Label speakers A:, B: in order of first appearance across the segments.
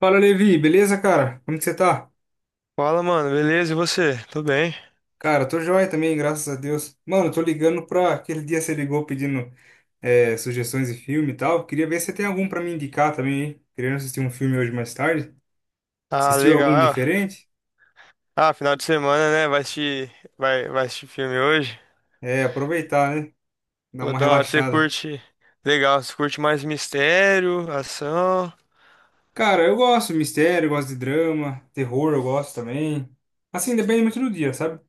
A: Fala, Levi, beleza, cara? Como que você tá?
B: Fala, mano, beleza? E você? Tô bem.
A: Cara, tô joia também, graças a Deus. Mano, eu tô ligando pra aquele dia você ligou pedindo sugestões de filme e tal. Queria ver se você tem algum pra me indicar também, hein? Querendo assistir um filme hoje mais tarde.
B: Ah,
A: Assistiu
B: legal.
A: algum
B: Ah,
A: diferente?
B: ah, final de semana, né? Vai assistir filme hoje.
A: É, aproveitar, né? Dar
B: Pô,
A: uma
B: da hora. Você
A: relaxada.
B: curte. Legal, você curte mais mistério, ação.
A: Cara, eu gosto de mistério, eu gosto de drama, terror eu gosto também. Assim, depende muito do dia, sabe?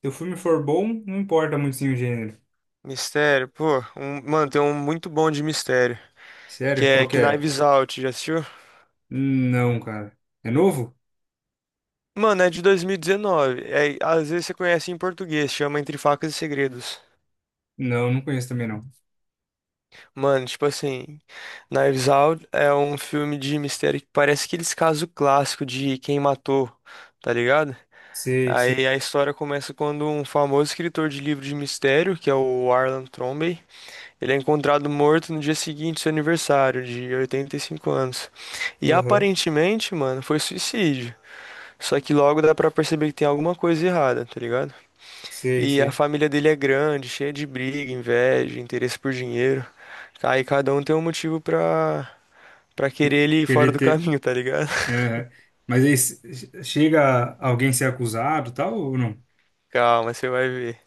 A: Se o filme for bom, não importa muito sim o gênero.
B: Mistério, pô. Mano, tem um muito bom de mistério. Que
A: Sério?
B: é
A: Qual que é?
B: Knives Out, já assistiu?
A: Não, cara. É novo?
B: Mano, é de 2019. É, às vezes você conhece em português, chama Entre Facas e Segredos.
A: Não, não conheço também não.
B: Mano, tipo assim, Knives Out é um filme de mistério que parece aqueles casos clássicos de quem matou, tá ligado?
A: Sei,
B: Aí
A: sei.
B: a história começa quando um famoso escritor de livro de mistério, que é o Arlan Trombey, ele é encontrado morto no dia seguinte do seu aniversário, de 85 anos. E
A: Aham.
B: aparentemente, mano, foi suicídio. Só que logo dá pra perceber que tem alguma coisa errada, tá ligado?
A: Sei,
B: E a
A: sei.
B: família dele é grande, cheia de briga, inveja, interesse por dinheiro. Aí cada um tem um motivo pra querer
A: Que-
B: ele ir fora
A: Queria
B: do
A: ter.
B: caminho, tá ligado?
A: Aham. Mas aí chega alguém ser acusado, e tal, ou não?
B: Calma, você vai ver.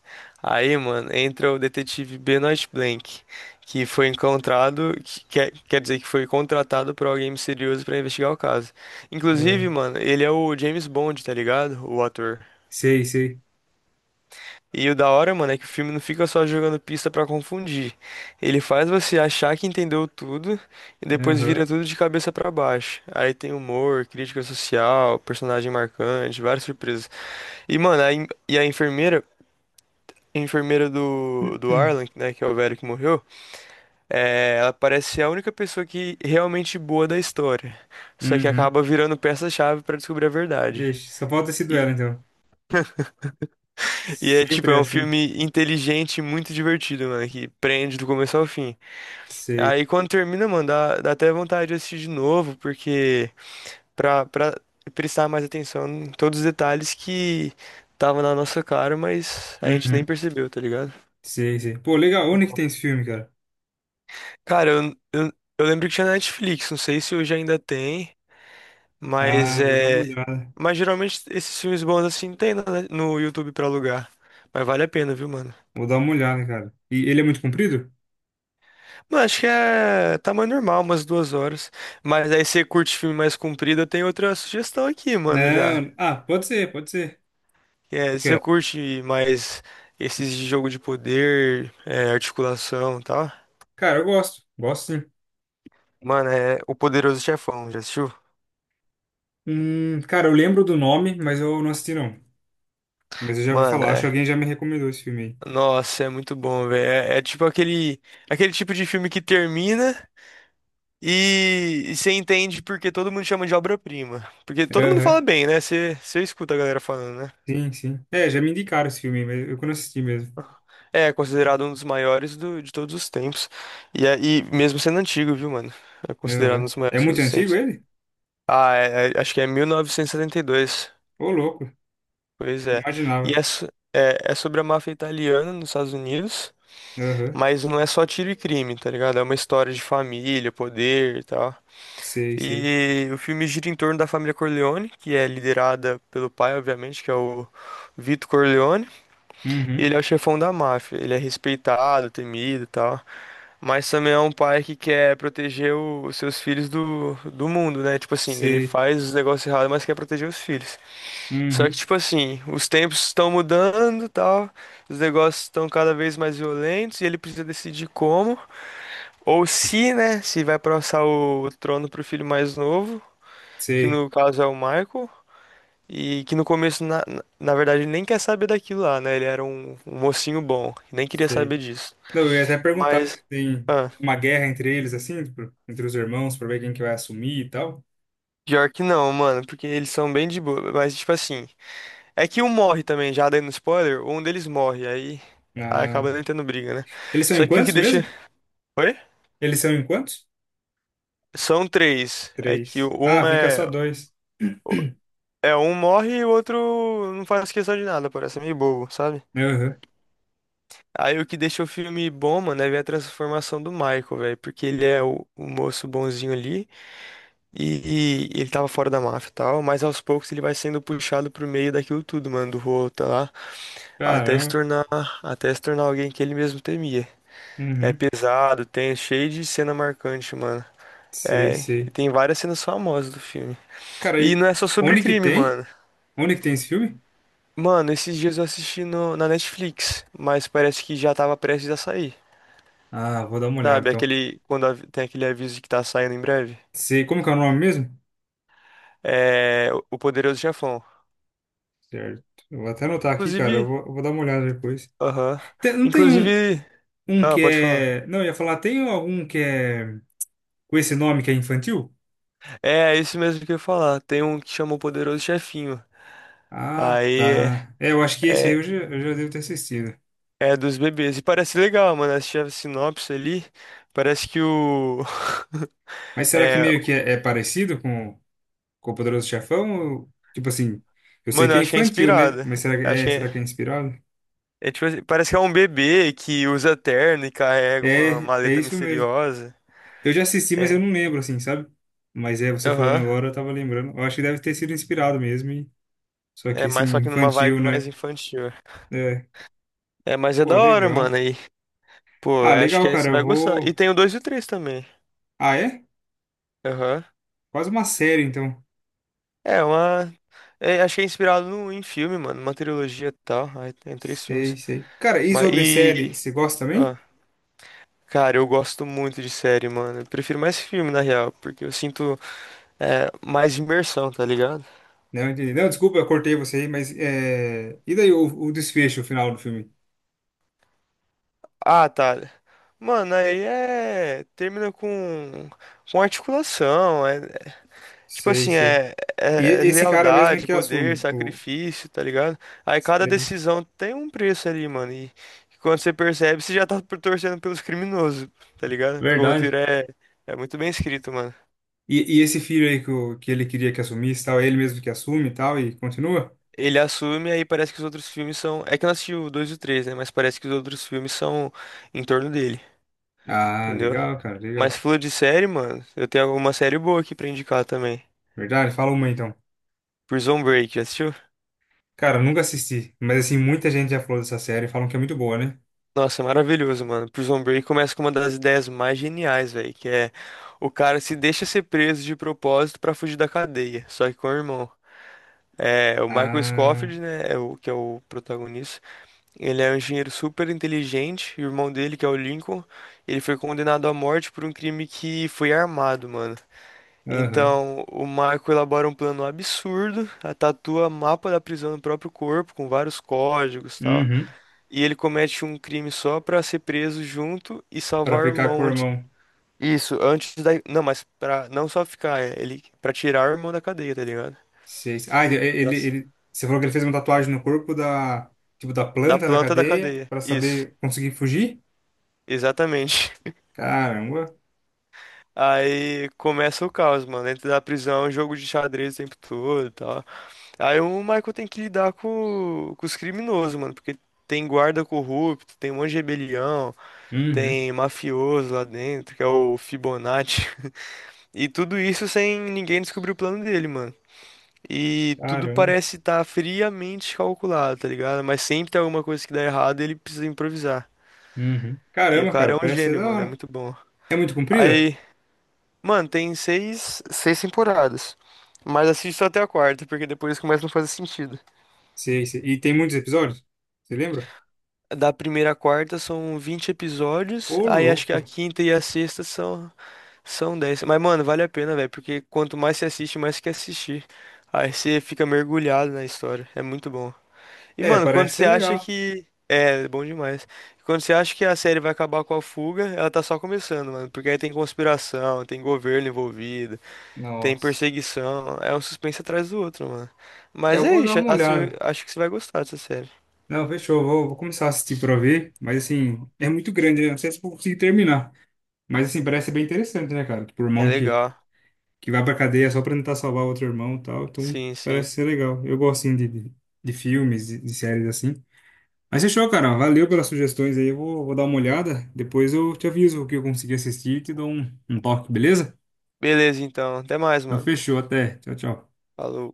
B: Aí, mano, entra o detetive Benoit Blanc, que foi encontrado, que quer dizer que foi contratado por alguém misterioso pra investigar o caso. Inclusive,
A: Ah,
B: mano, ele é o James Bond, tá ligado? O ator.
A: sei, sei.
B: E o da hora, mano, é que o filme não fica só jogando pista pra confundir. Ele faz você achar que entendeu tudo e depois
A: Aham.
B: vira tudo de cabeça pra baixo. Aí tem humor, crítica social, personagem marcante, várias surpresas. E, mano, a, en- e a enfermeira do Arlan, né, que é o velho que morreu, é, ela parece ser a única pessoa que realmente boa da história. Só que
A: Uhum.
B: acaba virando peça-chave pra descobrir a verdade.
A: Vixe, só falta esse
B: E,
A: duelo, então.
B: e é tipo,
A: Sempre é
B: é um
A: assim.
B: filme inteligente e muito divertido, mano, que prende do começo ao fim.
A: Sei.
B: Aí quando termina, mano, dá até vontade de assistir de novo, porque pra prestar mais atenção em todos os detalhes que tava na nossa cara, mas a gente nem
A: Uhum.
B: percebeu, tá ligado?
A: Sei, sei. Pô, legal.
B: Muito
A: Onde que
B: bom.
A: tem esse filme, cara?
B: Cara, eu lembro que tinha na Netflix, não sei se hoje ainda tem, mas
A: Ah, vou dar uma
B: é.
A: olhada.
B: Mas geralmente esses filmes bons assim tem no YouTube pra alugar. Mas vale a pena, viu, mano?
A: Vou dar uma olhada, cara. E ele é muito comprido?
B: Mano, acho que é tamanho normal, umas 2 horas. Mas aí você curte filme mais comprido, eu tenho outra sugestão aqui, mano, já.
A: Não. Ah, pode ser, pode ser. O
B: É, você
A: quê?
B: curte mais esses de jogo de poder, é, articulação e tal?
A: Cara, eu gosto. Gosto sim.
B: Mano, é O Poderoso Chefão, já assistiu?
A: Cara, eu lembro do nome, mas eu não assisti não. Mas eu já ouvi
B: Mano,
A: falar, acho que
B: é.
A: alguém já me recomendou esse filme
B: Nossa, é muito bom, velho. É tipo aquele tipo de filme que termina e você entende porque todo mundo chama de obra-prima. Porque
A: aí.
B: todo mundo fala
A: Aham.
B: bem, né? Você escuta a galera falando, né?
A: Sim, sim. É, já me indicaram esse filme, mas eu que não assisti mesmo.
B: É considerado um dos maiores de todos os tempos. E mesmo sendo antigo, viu, mano? É considerado um
A: Aham.
B: dos
A: É
B: maiores de
A: muito
B: todos os
A: antigo
B: tempos.
A: ele?
B: Ah, acho que é 1972.
A: Ô, louco.
B: Pois
A: Não
B: é. E
A: imaginava.
B: é, so- é sobre a máfia italiana nos Estados Unidos,
A: Aham.
B: mas não é só tiro e crime, tá ligado? É uma história de família, poder e tal.
A: Sei, sei.
B: E o filme gira em torno da família Corleone, que é liderada pelo pai, obviamente, que é o Vito Corleone. E
A: Uhum.
B: ele é o chefão da máfia. Ele é respeitado, temido e tal. Mas também é um pai que quer proteger os seus filhos do mundo, né? Tipo assim, ele
A: Sei.
B: faz os negócios errados, mas quer proteger os filhos. Só que,
A: Uhum.
B: tipo assim, os tempos estão mudando, tal, os negócios estão cada vez mais violentos e ele precisa decidir como, ou se, né, se vai passar o trono pro filho mais novo, que
A: Sei,
B: no caso é o Michael, e que no começo, na verdade, ele nem quer saber daquilo lá, né, ele era um mocinho bom, nem queria
A: sei.
B: saber disso.
A: Não, eu ia até perguntar se
B: Mas,
A: tem
B: ah,
A: uma guerra entre eles, assim, tipo, entre os irmãos, pra ver quem que vai assumir e tal.
B: pior que não, mano, porque eles são bem de boa, mas, tipo assim, é que um morre também, já dando spoiler, um deles morre, aí
A: Ah.
B: acaba não tendo briga, né?
A: Eles são em
B: Só que o que
A: quantos
B: deixa.
A: mesmo?
B: Oi?
A: Eles são em quantos?
B: São três. É que o-
A: Três. Ah,
B: um
A: fica só
B: é,
A: dois.
B: é um morre e o outro não faz questão de nada, parece meio bobo, sabe?
A: Aham.
B: Aí o que deixa o filme bom, mano, é ver a transformação do Michael, velho. Porque ele é o moço bonzinho ali e ele tava fora da máfia e tal, mas aos poucos ele vai sendo puxado pro meio daquilo tudo, mano, do rolo, tá lá, até se
A: Caramba.
B: tornar, até se tornar alguém que ele mesmo temia. É
A: Uhum.
B: pesado, tem cheio de cena marcante, mano.
A: Sei,
B: É, e
A: sei.
B: tem várias cenas famosas do filme.
A: Cara,
B: E
A: e
B: não é só sobre
A: onde que
B: crime,
A: tem?
B: mano.
A: Onde que tem esse filme?
B: Mano, esses dias eu assisti no, na Netflix, mas parece que já tava prestes a sair.
A: Ah, vou dar uma olhada
B: Sabe,
A: então.
B: aquele, quando tem aquele aviso de que tá saindo em breve.
A: Sei, como que é o nome mesmo?
B: É, o Poderoso Chefão.
A: Certo. Eu vou até anotar aqui, cara. Eu
B: Inclusive,
A: vou, eu vou dar uma olhada depois.
B: aham.
A: Não tem um,
B: Inclusive,
A: um
B: ah,
A: que
B: pode falar.
A: é. Não, eu ia falar, tem algum que é. Com esse nome que é infantil?
B: É isso mesmo que eu ia falar. Tem um que chama o Poderoso Chefinho.
A: Ah,
B: Aí
A: tá. É, eu acho que esse
B: é,
A: aí
B: é,
A: eu já devo ter assistido.
B: é dos bebês. E parece legal, mano. Assisti a sinopse ali. Parece que o.
A: Mas será que
B: É,
A: meio que é, é parecido com o Poderoso Chefão? Ou, tipo assim, eu sei
B: mano,
A: que
B: eu
A: é
B: acho que é
A: infantil, né?
B: inspirada.
A: Mas
B: Acho que
A: será que é
B: é.
A: inspirado?
B: É tipo assim, parece que é um bebê que usa terno e carrega uma
A: É, é
B: maleta
A: isso mesmo.
B: misteriosa.
A: Eu já assisti, mas
B: É.
A: eu não lembro, assim, sabe? Mas é, você falando
B: Aham.
A: agora, eu tava lembrando. Eu acho que deve ter sido inspirado mesmo. Só que,
B: É,
A: assim,
B: mas só que numa
A: infantil,
B: vibe mais
A: né?
B: infantil.
A: É.
B: É, mas é
A: Pô,
B: da hora,
A: legal.
B: mano. Aí, pô,
A: Ah,
B: acho que
A: legal,
B: aí
A: cara.
B: você
A: Eu
B: vai gostar. E
A: vou.
B: tem o 2 e o 3 também.
A: Ah, é?
B: Aham.
A: Quase uma série, então.
B: É, uma. É, acho que é inspirado no, em filme, mano. Uma trilogia e tal. Aí tem três
A: Sei,
B: filmes.
A: sei. Cara, e
B: Mas
A: sobre série,
B: e.
A: você gosta
B: Ah,
A: também?
B: cara, eu gosto muito de série, mano. Eu prefiro mais filme, na real, porque eu sinto mais imersão, tá ligado?
A: Não entendi. Não, desculpa, eu cortei você aí, mas é... e daí o desfecho, o final do filme?
B: Ah, tá. Mano, aí é. Termina com. Com articulação. Tipo
A: Sei,
B: assim,
A: sei.
B: é... é é
A: Esse cara mesmo é
B: lealdade,
A: que
B: poder,
A: assume o.
B: sacrifício, tá ligado? Aí cada
A: Sei.
B: decisão tem um preço ali, mano. E quando você percebe, você já tá torcendo pelos criminosos, tá ligado? Porque o
A: Verdade.
B: roteiro é. É muito bem escrito, mano.
A: E esse filho aí que, o, que ele queria que assumisse, e tal, é ele mesmo que assume e tal, e continua?
B: Ele assume, aí parece que os outros filmes são. É que eu não assisti o 2 e o 3, né? Mas parece que os outros filmes são em torno dele,
A: Ah,
B: entendeu?
A: legal, cara,
B: Mas
A: legal.
B: falou de série, mano. Eu tenho alguma série boa aqui pra indicar também.
A: Verdade, fala uma então.
B: Prison Break, já assistiu?
A: Cara, eu nunca assisti, mas assim, muita gente já falou dessa série, falam que é muito boa, né?
B: Nossa, é maravilhoso, mano. Prison Break começa com uma das ideias mais geniais, velho, que é o cara se deixa ser preso de propósito pra fugir da cadeia, só que com o irmão. É, o Michael
A: Ah,
B: Scofield, né, é o que é o protagonista. Ele é um engenheiro super inteligente, e o irmão dele, que é o Lincoln, ele foi condenado à morte por um crime que foi armado, mano.
A: aham.
B: Então, o Michael elabora um plano absurdo, a tatua mapa da prisão no próprio corpo, com vários códigos e tal.
A: Uhum.
B: E ele comete um crime só pra ser preso junto e
A: Pra
B: salvar o
A: ficar com
B: irmão
A: o
B: antes.
A: irmão.
B: Isso, antes da. Não, mas pra não só ficar, é, ele. Pra tirar o irmão da cadeia, tá ligado?
A: Sei, sei. Ah,
B: Nossa.
A: você falou que ele fez uma tatuagem no corpo da, tipo, da
B: Da
A: planta na
B: planta da
A: cadeia
B: cadeia.
A: para
B: Isso,
A: saber conseguir fugir?
B: exatamente.
A: Caramba.
B: Aí começa o caos, mano. Dentro da prisão, jogo de xadrez o tempo todo e tal. Aí o Michael tem que lidar com os criminosos, mano. Porque tem guarda corrupto, tem um monte de rebelião,
A: Uhum.
B: tem mafioso lá dentro, que é o Fibonacci. E tudo isso sem ninguém descobrir o plano dele, mano. E tudo
A: Caramba.
B: parece estar friamente calculado, tá ligado? Mas sempre tem alguma coisa que dá errado e ele precisa improvisar.
A: Uhum.
B: E o
A: Caramba,
B: cara é
A: cara,
B: um
A: parece ser
B: gênio,
A: da
B: mano, é
A: hora.
B: muito bom.
A: É muito comprida?
B: Aí, mano, tem seis temporadas. Mas assiste só até a quarta, porque depois começa a não fazer sentido.
A: Sei, sei. E tem muitos episódios? Você lembra?
B: Da primeira à quarta são 20 episódios,
A: Ô,
B: aí acho que a
A: louco.
B: quinta e a sexta são 10. Mas, mano, vale a pena, velho, porque quanto mais você assiste, mais você quer assistir. Aí você fica mergulhado na história, é muito bom. E,
A: É,
B: mano, quando
A: parece ser
B: você
A: legal.
B: acha que. É, bom demais. Quando você acha que a série vai acabar com a fuga, ela tá só começando, mano. Porque aí tem conspiração, tem governo envolvido, tem
A: Nossa.
B: perseguição. É um suspense atrás do outro, mano.
A: É,
B: Mas
A: eu
B: é
A: vou dar
B: isso,
A: uma
B: acho,
A: olhada.
B: acho que você vai gostar dessa série.
A: Não, fechou. Vou começar a assistir pra ver. Mas, assim, é muito grande, né? Não sei se eu vou conseguir terminar. Mas, assim, parece ser bem interessante, né, cara? Por
B: É
A: mão que
B: legal.
A: que vai pra cadeia só pra tentar salvar outro irmão e tal. Então,
B: Sim, sim.
A: parece ser legal. Eu gosto, assim, de filmes, de séries assim. Mas fechou, cara. Valeu pelas sugestões aí. Eu vou dar uma olhada. Depois eu te aviso o que eu consegui assistir e te dou um, um toque, beleza?
B: Beleza, então. Até mais,
A: Então,
B: mano.
A: fechou. Até. Tchau, tchau.
B: Falou.